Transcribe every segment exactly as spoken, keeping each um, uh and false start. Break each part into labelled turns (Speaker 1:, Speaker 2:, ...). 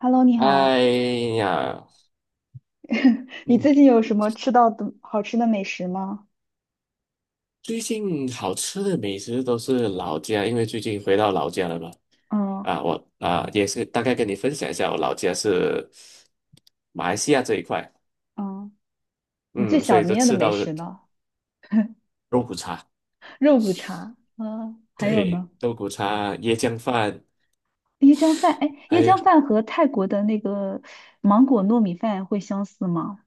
Speaker 1: Hello，你好，
Speaker 2: 哎呀，
Speaker 1: 你
Speaker 2: 嗯，
Speaker 1: 最近有什么吃到的好吃的美食吗？
Speaker 2: 最近好吃的美食都是老家，因为最近回到老家了嘛。
Speaker 1: 嗯
Speaker 2: 啊，我啊也是大概跟你分享一下，我老家是马来西亚这一块，
Speaker 1: 嗯，你最
Speaker 2: 嗯，所以
Speaker 1: 想
Speaker 2: 就
Speaker 1: 念的
Speaker 2: 吃到
Speaker 1: 美
Speaker 2: 了
Speaker 1: 食呢？
Speaker 2: 肉骨茶，
Speaker 1: 肉骨茶，嗯，还有
Speaker 2: 对，
Speaker 1: 呢，
Speaker 2: 肉骨茶、椰浆饭，
Speaker 1: 椰浆饭。哎，
Speaker 2: 还
Speaker 1: 椰
Speaker 2: 有
Speaker 1: 浆饭和泰国的那个芒果糯米饭会相似吗？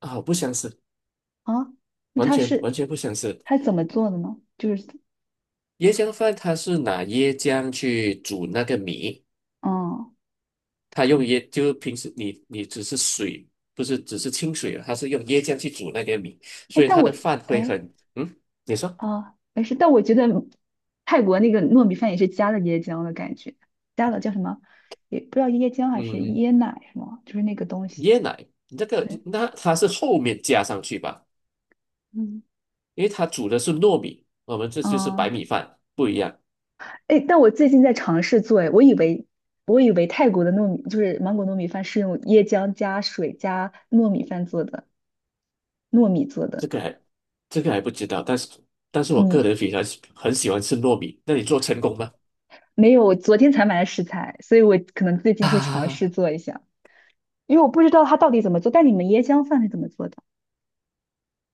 Speaker 2: 啊，不相似，
Speaker 1: 啊，那
Speaker 2: 完
Speaker 1: 它
Speaker 2: 全完
Speaker 1: 是
Speaker 2: 全不相似。
Speaker 1: 它是怎么做的呢？就是，
Speaker 2: 椰浆饭它是拿椰浆去煮那个米，
Speaker 1: 嗯，
Speaker 2: 它用椰，就是平时你你只是水，不是只是清水它是用椰浆去煮那个米，
Speaker 1: 哎，
Speaker 2: 所以
Speaker 1: 但
Speaker 2: 它
Speaker 1: 我
Speaker 2: 的饭会
Speaker 1: 哎
Speaker 2: 很，嗯，你说，
Speaker 1: 啊，没事，但我觉得泰国那个糯米饭也是加了椰浆的感觉，加了叫什么？也不知道椰浆还是
Speaker 2: 嗯，
Speaker 1: 椰奶是吗？就是那个东西。
Speaker 2: 椰奶这个
Speaker 1: 对，
Speaker 2: 那它是后面加上去吧，
Speaker 1: 嗯，
Speaker 2: 因为它煮的是糯米，我们这就是白
Speaker 1: 啊，
Speaker 2: 米饭不一样，
Speaker 1: 哎，但我最近在尝试做，哎，我以为我以为泰国的糯米就是芒果糯米饭是用椰浆加水加糯米饭做的，糯米做
Speaker 2: 这
Speaker 1: 的。
Speaker 2: 个还这个还不知道，但是但是我个
Speaker 1: 你
Speaker 2: 人非常喜很喜欢吃糯米，那你做成功吗？
Speaker 1: 没有，我昨天才买的食材，所以我可能最 近会尝试
Speaker 2: 啊，
Speaker 1: 做一下，因为我不知道它到底怎么做。但你们椰浆饭是怎么做的？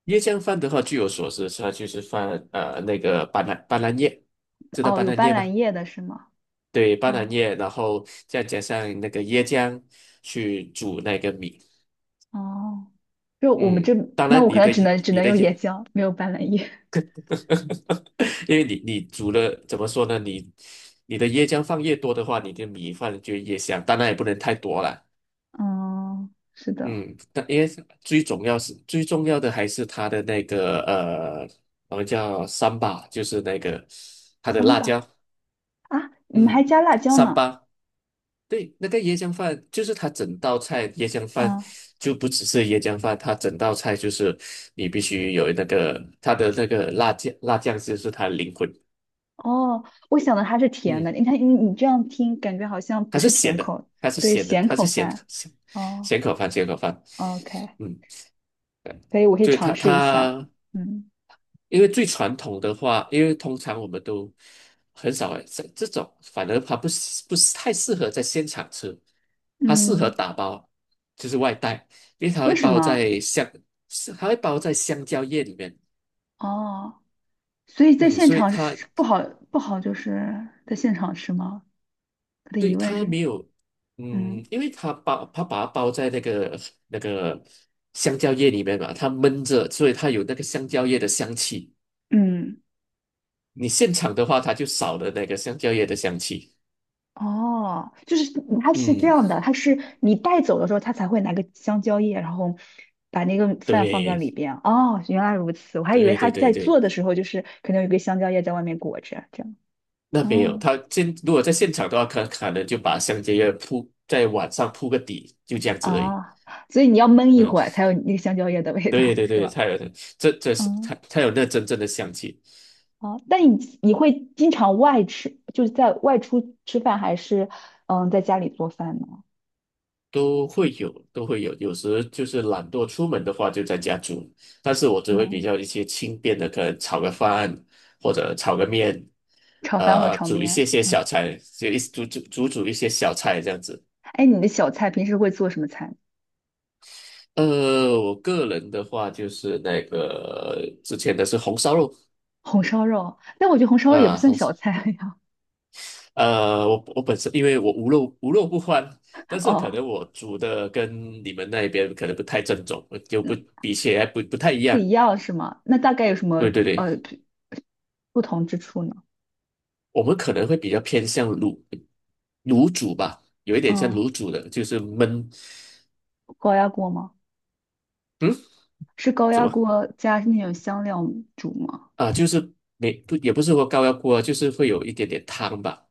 Speaker 2: 椰浆饭的话，据我所知，它就是放呃那个斑斓斑斓叶，知道
Speaker 1: 哦，
Speaker 2: 斑
Speaker 1: 有
Speaker 2: 斓
Speaker 1: 斑
Speaker 2: 叶
Speaker 1: 斓
Speaker 2: 吗？
Speaker 1: 叶的是吗？
Speaker 2: 对，斑斓
Speaker 1: 哦
Speaker 2: 叶，然后再加上那个椰浆去煮那个米。
Speaker 1: 哦，就我们
Speaker 2: 嗯，
Speaker 1: 这，
Speaker 2: 当
Speaker 1: 那
Speaker 2: 然
Speaker 1: 我可
Speaker 2: 你
Speaker 1: 能
Speaker 2: 的
Speaker 1: 只能只
Speaker 2: 你
Speaker 1: 能
Speaker 2: 的
Speaker 1: 用
Speaker 2: 椰，
Speaker 1: 椰浆，没有斑斓叶。
Speaker 2: 因为你你煮了怎么说呢？你你的椰浆放越多的话，你的米饭就越香。当然也不能太多了。
Speaker 1: 嗯，是的，
Speaker 2: 嗯，但因为最重要是最重要的还是它的那个呃，我们叫三巴，就是那个它的
Speaker 1: 行
Speaker 2: 辣
Speaker 1: 吧。
Speaker 2: 椒。
Speaker 1: 啊，你们还
Speaker 2: 嗯，
Speaker 1: 加辣椒
Speaker 2: 三
Speaker 1: 呢？
Speaker 2: 巴。对，那个椰浆饭就是它整道菜，椰浆饭
Speaker 1: 啊。
Speaker 2: 就不只是椰浆饭，它整道菜就是你必须有那个它的那个辣酱，辣酱就是它的灵魂。
Speaker 1: 哦，我想的它是甜
Speaker 2: 嗯，
Speaker 1: 的，你看你你这样听，感觉好像不
Speaker 2: 它是
Speaker 1: 是甜
Speaker 2: 咸的，
Speaker 1: 口，
Speaker 2: 它是
Speaker 1: 对，
Speaker 2: 咸的，
Speaker 1: 咸
Speaker 2: 它是
Speaker 1: 口
Speaker 2: 咸
Speaker 1: 饭。
Speaker 2: 咸
Speaker 1: 哦
Speaker 2: 咸口饭，咸口饭。
Speaker 1: ，OK，
Speaker 2: 嗯，
Speaker 1: 可以，我可以
Speaker 2: 对
Speaker 1: 尝
Speaker 2: 他
Speaker 1: 试一下。
Speaker 2: 他，
Speaker 1: 嗯
Speaker 2: 因为最传统的话，因为通常我们都很少在这种，反而它不是不是太适合在现场吃，它适合
Speaker 1: 嗯，
Speaker 2: 打包，就是外带，因为它会
Speaker 1: 为什
Speaker 2: 包
Speaker 1: 么？
Speaker 2: 在香，是它会包在香蕉叶里面，
Speaker 1: 哦，所以在
Speaker 2: 嗯，
Speaker 1: 现
Speaker 2: 所以
Speaker 1: 场
Speaker 2: 它
Speaker 1: 是不好不好，就是在现场吃吗？我的
Speaker 2: 对
Speaker 1: 疑问
Speaker 2: 它
Speaker 1: 是，
Speaker 2: 没有，
Speaker 1: 嗯
Speaker 2: 嗯，因为它包它把它包在那个那个香蕉叶里面嘛，它闷着，所以它有那个香蕉叶的香气。
Speaker 1: 嗯。
Speaker 2: 你现场的话，它就少了那个香蕉叶的香气。
Speaker 1: 哦，就是它是这
Speaker 2: 嗯，
Speaker 1: 样的，它是你带走的时候，它才会拿个香蕉叶，然后把那个饭放在
Speaker 2: 对，
Speaker 1: 里边。哦，原来如此，我还以为
Speaker 2: 对
Speaker 1: 他
Speaker 2: 对对
Speaker 1: 在
Speaker 2: 对，
Speaker 1: 做的时候就是可能有一个香蕉叶在外面裹着，这样。
Speaker 2: 那没有，
Speaker 1: 哦，
Speaker 2: 它现如果在现场的话，可可能就把香蕉叶铺在晚上铺个底，就这样子而已。
Speaker 1: 啊，所以你要焖一
Speaker 2: 嗯，
Speaker 1: 会儿才有那个香蕉叶的味道，
Speaker 2: 对对
Speaker 1: 是
Speaker 2: 对，
Speaker 1: 吧？
Speaker 2: 它有这这是
Speaker 1: 嗯，
Speaker 2: 它它有那真正的香气。
Speaker 1: 好，但你你会经常外吃，就是在外出吃饭，还是嗯在家里做饭呢？
Speaker 2: 都会有，都会有。有时就是懒惰出门的话，就在家煮。但是我只会比
Speaker 1: 嗯，
Speaker 2: 较一些轻便的，可能炒个饭或者炒个面，
Speaker 1: 炒饭或
Speaker 2: 呃，
Speaker 1: 炒
Speaker 2: 煮一
Speaker 1: 面。
Speaker 2: 些些
Speaker 1: 嗯，
Speaker 2: 小菜，就一煮煮煮煮一些小菜这样子。
Speaker 1: 哎，你的小菜平时会做什么菜呢？
Speaker 2: 呃，我个人的话就是那个之前的是红烧肉
Speaker 1: 红烧肉，但我觉得红烧肉也不
Speaker 2: 啊，
Speaker 1: 算
Speaker 2: 红烧。
Speaker 1: 小菜呀。
Speaker 2: 呃，我我本身因为我无肉无肉不欢，但 是可
Speaker 1: 哦，
Speaker 2: 能我煮的跟你们那边可能不太正宗，就不
Speaker 1: 那
Speaker 2: 比起来不不太一
Speaker 1: 不
Speaker 2: 样。
Speaker 1: 一样是吗？那大概有什么
Speaker 2: 对对对。
Speaker 1: 呃不同之处呢？
Speaker 2: 我们可能会比较偏向卤卤煮吧，有一点像
Speaker 1: 嗯，
Speaker 2: 卤煮的，就是焖，
Speaker 1: 高压锅吗？
Speaker 2: 嗯，
Speaker 1: 是高
Speaker 2: 什
Speaker 1: 压
Speaker 2: 么
Speaker 1: 锅加那种香料煮吗？
Speaker 2: 啊？就是没不也不是说高压锅啊就是会有一点点汤吧，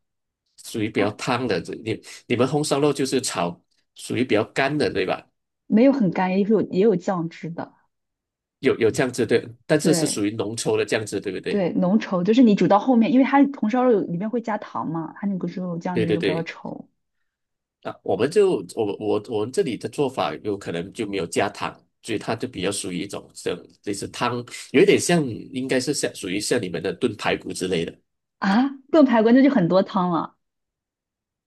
Speaker 2: 属于比
Speaker 1: 啊，
Speaker 2: 较汤的。这你你们红烧肉就是炒，属于比较干的，对吧？
Speaker 1: 没有很干，也有也有酱汁的。
Speaker 2: 有有酱汁对，但是是属
Speaker 1: 对
Speaker 2: 于浓稠的酱汁，对不对？
Speaker 1: 对，浓稠就是你煮到后面，因为它红烧肉里面会加糖嘛，它那个猪肉酱
Speaker 2: 对
Speaker 1: 汁
Speaker 2: 对
Speaker 1: 就比较
Speaker 2: 对，
Speaker 1: 稠
Speaker 2: 啊，我们就我我我们这里的做法有可能就没有加糖，所以它就比较属于一种像类似汤，有一点像应该是像属于像你们的炖排骨之类的，
Speaker 1: 啊。炖排骨那就很多汤了，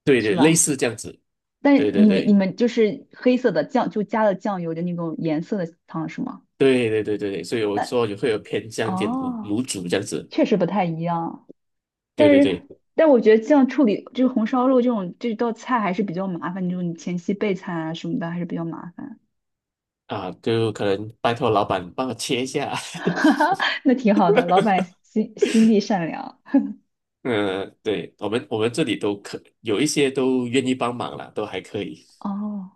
Speaker 2: 对
Speaker 1: 是
Speaker 2: 对，类
Speaker 1: 吧？
Speaker 2: 似这样子，
Speaker 1: 但
Speaker 2: 对对
Speaker 1: 你们你
Speaker 2: 对
Speaker 1: 们就是黑色的酱，就加了酱油的那种颜色的汤是吗？
Speaker 2: 对对对对对，所以我
Speaker 1: 那
Speaker 2: 说也会有偏向一点卤
Speaker 1: 哦，
Speaker 2: 卤煮这样子，
Speaker 1: 确实不太一样，但
Speaker 2: 对对
Speaker 1: 是
Speaker 2: 对
Speaker 1: 但我觉得这样处理这个红烧肉这种这道菜还是比较麻烦，就是你前期备菜啊什么的还是比较麻烦。
Speaker 2: 啊，就可能拜托老板帮我切一下，
Speaker 1: 哈哈那挺好的，老板 心心地善良。
Speaker 2: 嗯，对我们我们这里都可有一些都愿意帮忙啦，都还可以，
Speaker 1: 哦，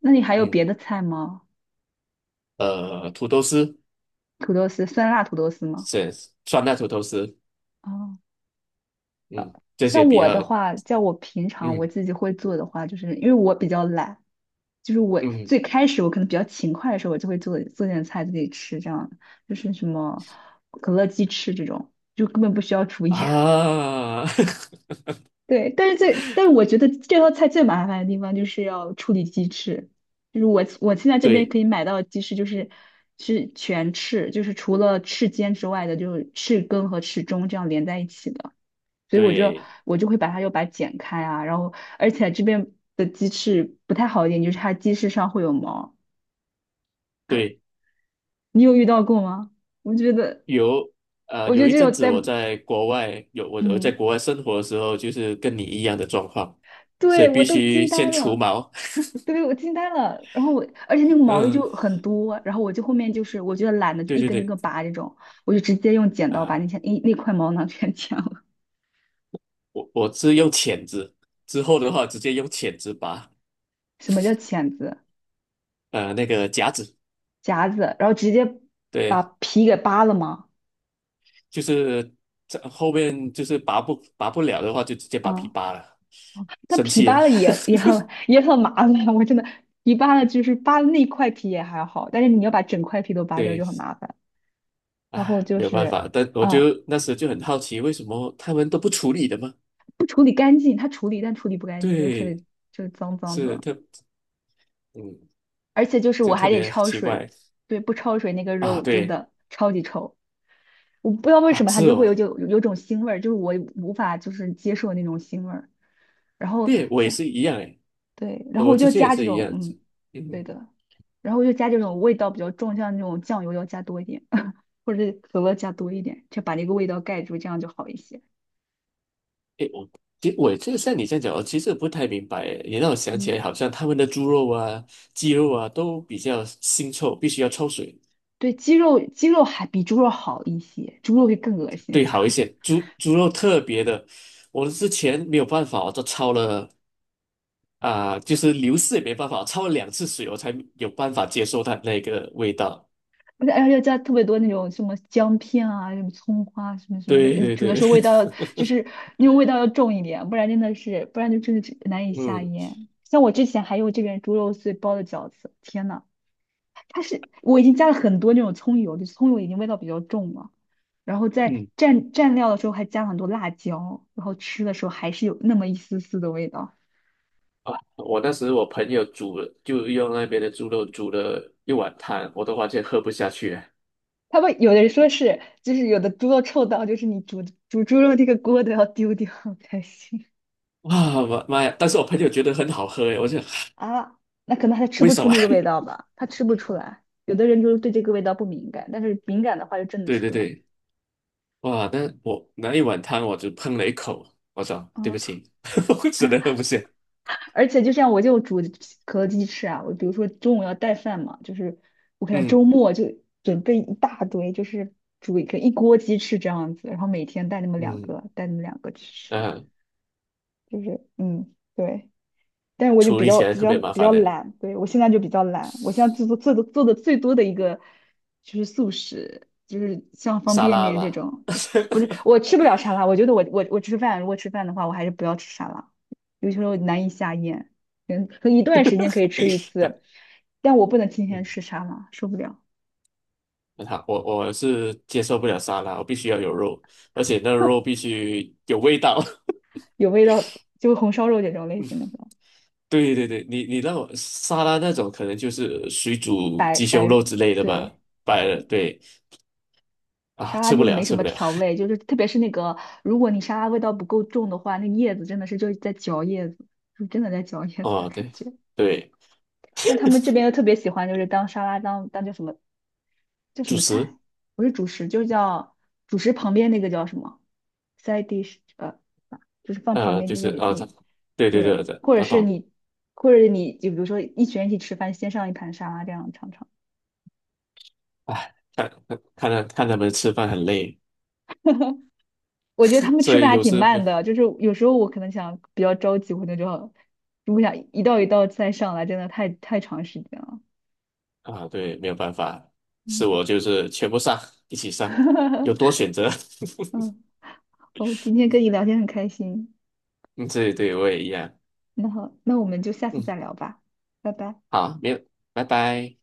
Speaker 1: 那你还有别
Speaker 2: 嗯，
Speaker 1: 的菜吗？
Speaker 2: 呃，土豆丝。
Speaker 1: 土豆丝，酸辣土豆丝吗？
Speaker 2: 是酸辣土豆丝，
Speaker 1: 哦，
Speaker 2: 嗯，这些
Speaker 1: 像
Speaker 2: 比
Speaker 1: 我的
Speaker 2: 较，
Speaker 1: 话，在我平常我
Speaker 2: 嗯
Speaker 1: 自己会做的话，就是因为我比较懒，就是我
Speaker 2: 嗯
Speaker 1: 最开始我可能比较勤快的时候，我就会做做点菜自己吃，这样就是什么可乐鸡翅这种，就根本不需要厨艺。
Speaker 2: 啊，
Speaker 1: 对，但是最，但是我觉得这道菜最麻烦的地方就是要处理鸡翅，就是我我现在这边
Speaker 2: 对
Speaker 1: 可以买到的鸡翅就是是全翅，就是除了翅尖之外的，就是翅根和翅中这样连在一起的。所以我就
Speaker 2: 对
Speaker 1: 我就会把它又把它剪开啊，然后而且这边的鸡翅不太好一点，就是它鸡翅上会有毛，
Speaker 2: 对，
Speaker 1: 你有遇到过吗？我觉得
Speaker 2: 有呃
Speaker 1: 我觉
Speaker 2: 有
Speaker 1: 得
Speaker 2: 一
Speaker 1: 这
Speaker 2: 阵
Speaker 1: 种
Speaker 2: 子
Speaker 1: 带，
Speaker 2: 我在国外有我我在
Speaker 1: 嗯，
Speaker 2: 国外生活的时候，就是跟你一样的状况，所
Speaker 1: 对
Speaker 2: 以
Speaker 1: 我
Speaker 2: 必
Speaker 1: 都
Speaker 2: 须
Speaker 1: 惊呆
Speaker 2: 先除
Speaker 1: 了，
Speaker 2: 毛，
Speaker 1: 对我惊呆了，然后我而且那个 毛衣
Speaker 2: 嗯，
Speaker 1: 就很多，然后我就后面就是我觉得懒得就
Speaker 2: 对
Speaker 1: 一
Speaker 2: 对
Speaker 1: 根一
Speaker 2: 对
Speaker 1: 根拔这种，我就直接用剪刀把
Speaker 2: 啊，
Speaker 1: 那些那那块毛囊 全剪了。
Speaker 2: 我我是用钳子，之后的话直接用钳子拔，
Speaker 1: 什么叫钳子、
Speaker 2: 呃那个夹子，
Speaker 1: 夹子，然后直接把
Speaker 2: 对，
Speaker 1: 皮给扒了吗？
Speaker 2: 就是这后面就是拔不拔不了的话，就直接把皮
Speaker 1: 嗯。
Speaker 2: 扒了。
Speaker 1: 但
Speaker 2: 生
Speaker 1: 皮
Speaker 2: 气
Speaker 1: 扒
Speaker 2: 了。
Speaker 1: 了也 也很也很麻烦，我真的皮扒了就是扒了那块皮也还好，但是你要把整块皮都扒掉就
Speaker 2: 对，
Speaker 1: 很麻烦。然后
Speaker 2: 唉，
Speaker 1: 就
Speaker 2: 没有办
Speaker 1: 是
Speaker 2: 法，但我
Speaker 1: 啊、
Speaker 2: 就那时就很好奇，为什么他们都不处理的吗？
Speaker 1: 不处理干净，它处理但处理不干净，就特别
Speaker 2: 对，
Speaker 1: 就是脏脏
Speaker 2: 是
Speaker 1: 的，
Speaker 2: 特，嗯，
Speaker 1: 而且就是
Speaker 2: 就
Speaker 1: 我
Speaker 2: 特
Speaker 1: 还得
Speaker 2: 别
Speaker 1: 焯
Speaker 2: 奇
Speaker 1: 水，
Speaker 2: 怪
Speaker 1: 对，不焯水那个
Speaker 2: 啊。
Speaker 1: 肉真
Speaker 2: 对
Speaker 1: 的超级臭，我不知道为
Speaker 2: 啊，
Speaker 1: 什么它
Speaker 2: 是
Speaker 1: 就会
Speaker 2: 哦，
Speaker 1: 有有有种腥味儿，就是我无法就是接受那种腥味儿。然后
Speaker 2: 对，我也
Speaker 1: 像
Speaker 2: 是一样诶，
Speaker 1: 对，然后
Speaker 2: 我
Speaker 1: 我
Speaker 2: 之
Speaker 1: 就
Speaker 2: 前也
Speaker 1: 加这
Speaker 2: 是一
Speaker 1: 种，
Speaker 2: 样子。
Speaker 1: 嗯，对
Speaker 2: 嗯，
Speaker 1: 的，然后我就加这种味道比较重，像那种酱油要加多一点，或者是可乐加多一点，就把那个味道盖住，这样就好一些。
Speaker 2: 诶，我其实我就像你这样讲，我其实不太明白诶，也让我想起来，
Speaker 1: 嗯，
Speaker 2: 好像他们的猪肉啊、鸡肉啊都比较腥臭，必须要焯水。
Speaker 1: 对，鸡肉鸡肉还比猪肉好一些，猪肉会更恶心，
Speaker 2: 对，好一 些，猪猪肉特别的，我之前没有办法，我都焯了啊、就是流失也没办法，焯了两次水，我才有办法接受它那个味道。
Speaker 1: 而且而且要加特别多那种什么姜片啊、什么葱花、什么什么的，
Speaker 2: 对
Speaker 1: 呃
Speaker 2: 对
Speaker 1: 主要
Speaker 2: 对，
Speaker 1: 是味道就是那种味道要重一点，不然真的是不然就真的是难以 下
Speaker 2: 嗯
Speaker 1: 咽。像我之前还有这边猪肉碎包的饺子，天呐！它是我已经加了很多那种葱油，就是葱油已经味道比较重了，然后在
Speaker 2: 嗯
Speaker 1: 蘸蘸料的时候还加了很多辣椒，然后吃的时候还是有那么一丝丝的味道。
Speaker 2: 啊，我当时我朋友煮了，就用那边的猪肉煮了一碗汤，我都完全喝不下去啊
Speaker 1: 他们有的人说是，就是有的猪肉臭到，就是你煮煮猪肉那个锅都要丢掉才行
Speaker 2: 哇妈妈呀！但是我朋友觉得很好喝诶，我就
Speaker 1: 啊。那可能他 吃
Speaker 2: 为
Speaker 1: 不
Speaker 2: 什
Speaker 1: 出
Speaker 2: 么？
Speaker 1: 那个味道 吧，他吃不出来。有的人就是对这个味道不敏感，但是敏感的话就真的
Speaker 2: 对
Speaker 1: 吃
Speaker 2: 对
Speaker 1: 不了。
Speaker 2: 对，哇，那我那一碗汤我就喷了一口，我说对不
Speaker 1: 啊。
Speaker 2: 起，我真的喝不下。
Speaker 1: 而且就像我就煮可乐鸡翅啊，我比如说中午要带饭嘛，就是我可能
Speaker 2: 嗯
Speaker 1: 周末就准备一大堆，就是煮一个一锅鸡翅这样子，然后每天带那么两
Speaker 2: 嗯
Speaker 1: 个，带那么两个去吃，
Speaker 2: 嗯，
Speaker 1: 就是嗯，对。但是我就
Speaker 2: 处
Speaker 1: 比
Speaker 2: 理
Speaker 1: 较
Speaker 2: 起来
Speaker 1: 比
Speaker 2: 特
Speaker 1: 较
Speaker 2: 别麻
Speaker 1: 比
Speaker 2: 烦
Speaker 1: 较
Speaker 2: 的
Speaker 1: 懒，对，我现在就比较懒，我现在做做做的做的最多的一个就是素食，就是像方
Speaker 2: 沙
Speaker 1: 便
Speaker 2: 拉
Speaker 1: 面这
Speaker 2: 吧。
Speaker 1: 种，对，不是 我吃不了沙拉，我觉得我我我吃饭如果吃饭的话，我还是不要吃沙拉，有些时候难以下咽，嗯，可能一段时间可以吃一次，但我不能天天
Speaker 2: 嗯，
Speaker 1: 吃沙拉，受不了，
Speaker 2: 很好，我我是接受不了沙拉，我必须要有肉，而且那个肉必须有味道。
Speaker 1: 有味道，就红烧肉这种类型的，
Speaker 2: 对对对，你你那种沙拉那种可能就是水煮
Speaker 1: 白
Speaker 2: 鸡胸
Speaker 1: 白，
Speaker 2: 肉之类的吧，
Speaker 1: 对。
Speaker 2: 白了对啊，
Speaker 1: 沙拉
Speaker 2: 吃不
Speaker 1: 就
Speaker 2: 了
Speaker 1: 没什
Speaker 2: 吃
Speaker 1: 么
Speaker 2: 不了。
Speaker 1: 调味，就是特别是那个，如果你沙拉味道不够重的话，那叶子真的是就是在嚼叶子，就真的在嚼叶子的
Speaker 2: 哦，
Speaker 1: 感
Speaker 2: 对
Speaker 1: 觉。
Speaker 2: 对，
Speaker 1: 但他们这边 又特别喜欢，就是当沙拉当当叫什么叫什
Speaker 2: 主
Speaker 1: 么
Speaker 2: 食
Speaker 1: 菜，不是主食，就叫主食旁边那个叫什么 side dish，呃，就是放旁
Speaker 2: 呃
Speaker 1: 边，
Speaker 2: 就
Speaker 1: 就
Speaker 2: 是
Speaker 1: 是你
Speaker 2: 啊，这
Speaker 1: 你
Speaker 2: 对对对
Speaker 1: 对，
Speaker 2: 对，
Speaker 1: 或者
Speaker 2: 我
Speaker 1: 是
Speaker 2: 懂。
Speaker 1: 你或者你就比如说一群人一起吃饭，先上一盘沙拉这样尝尝。
Speaker 2: 哎，看看看他看他们吃饭很累，
Speaker 1: 我觉得他 们
Speaker 2: 所
Speaker 1: 吃饭
Speaker 2: 以
Speaker 1: 还
Speaker 2: 有
Speaker 1: 挺
Speaker 2: 时
Speaker 1: 慢
Speaker 2: 没。
Speaker 1: 的，就是有时候我可能想比较着急，我那就要如果想一道一道再上来，真的太太长时间了。
Speaker 2: 啊，对，没有办法，是
Speaker 1: 嗯，
Speaker 2: 我就是全部上，一起上，有 多选择。
Speaker 1: 嗯，哦，今天跟你聊天很开心。
Speaker 2: 嗯，对对，我也一样。
Speaker 1: 那好，那我们就下次
Speaker 2: 嗯，
Speaker 1: 再聊吧，拜拜。
Speaker 2: 好，没有，拜拜。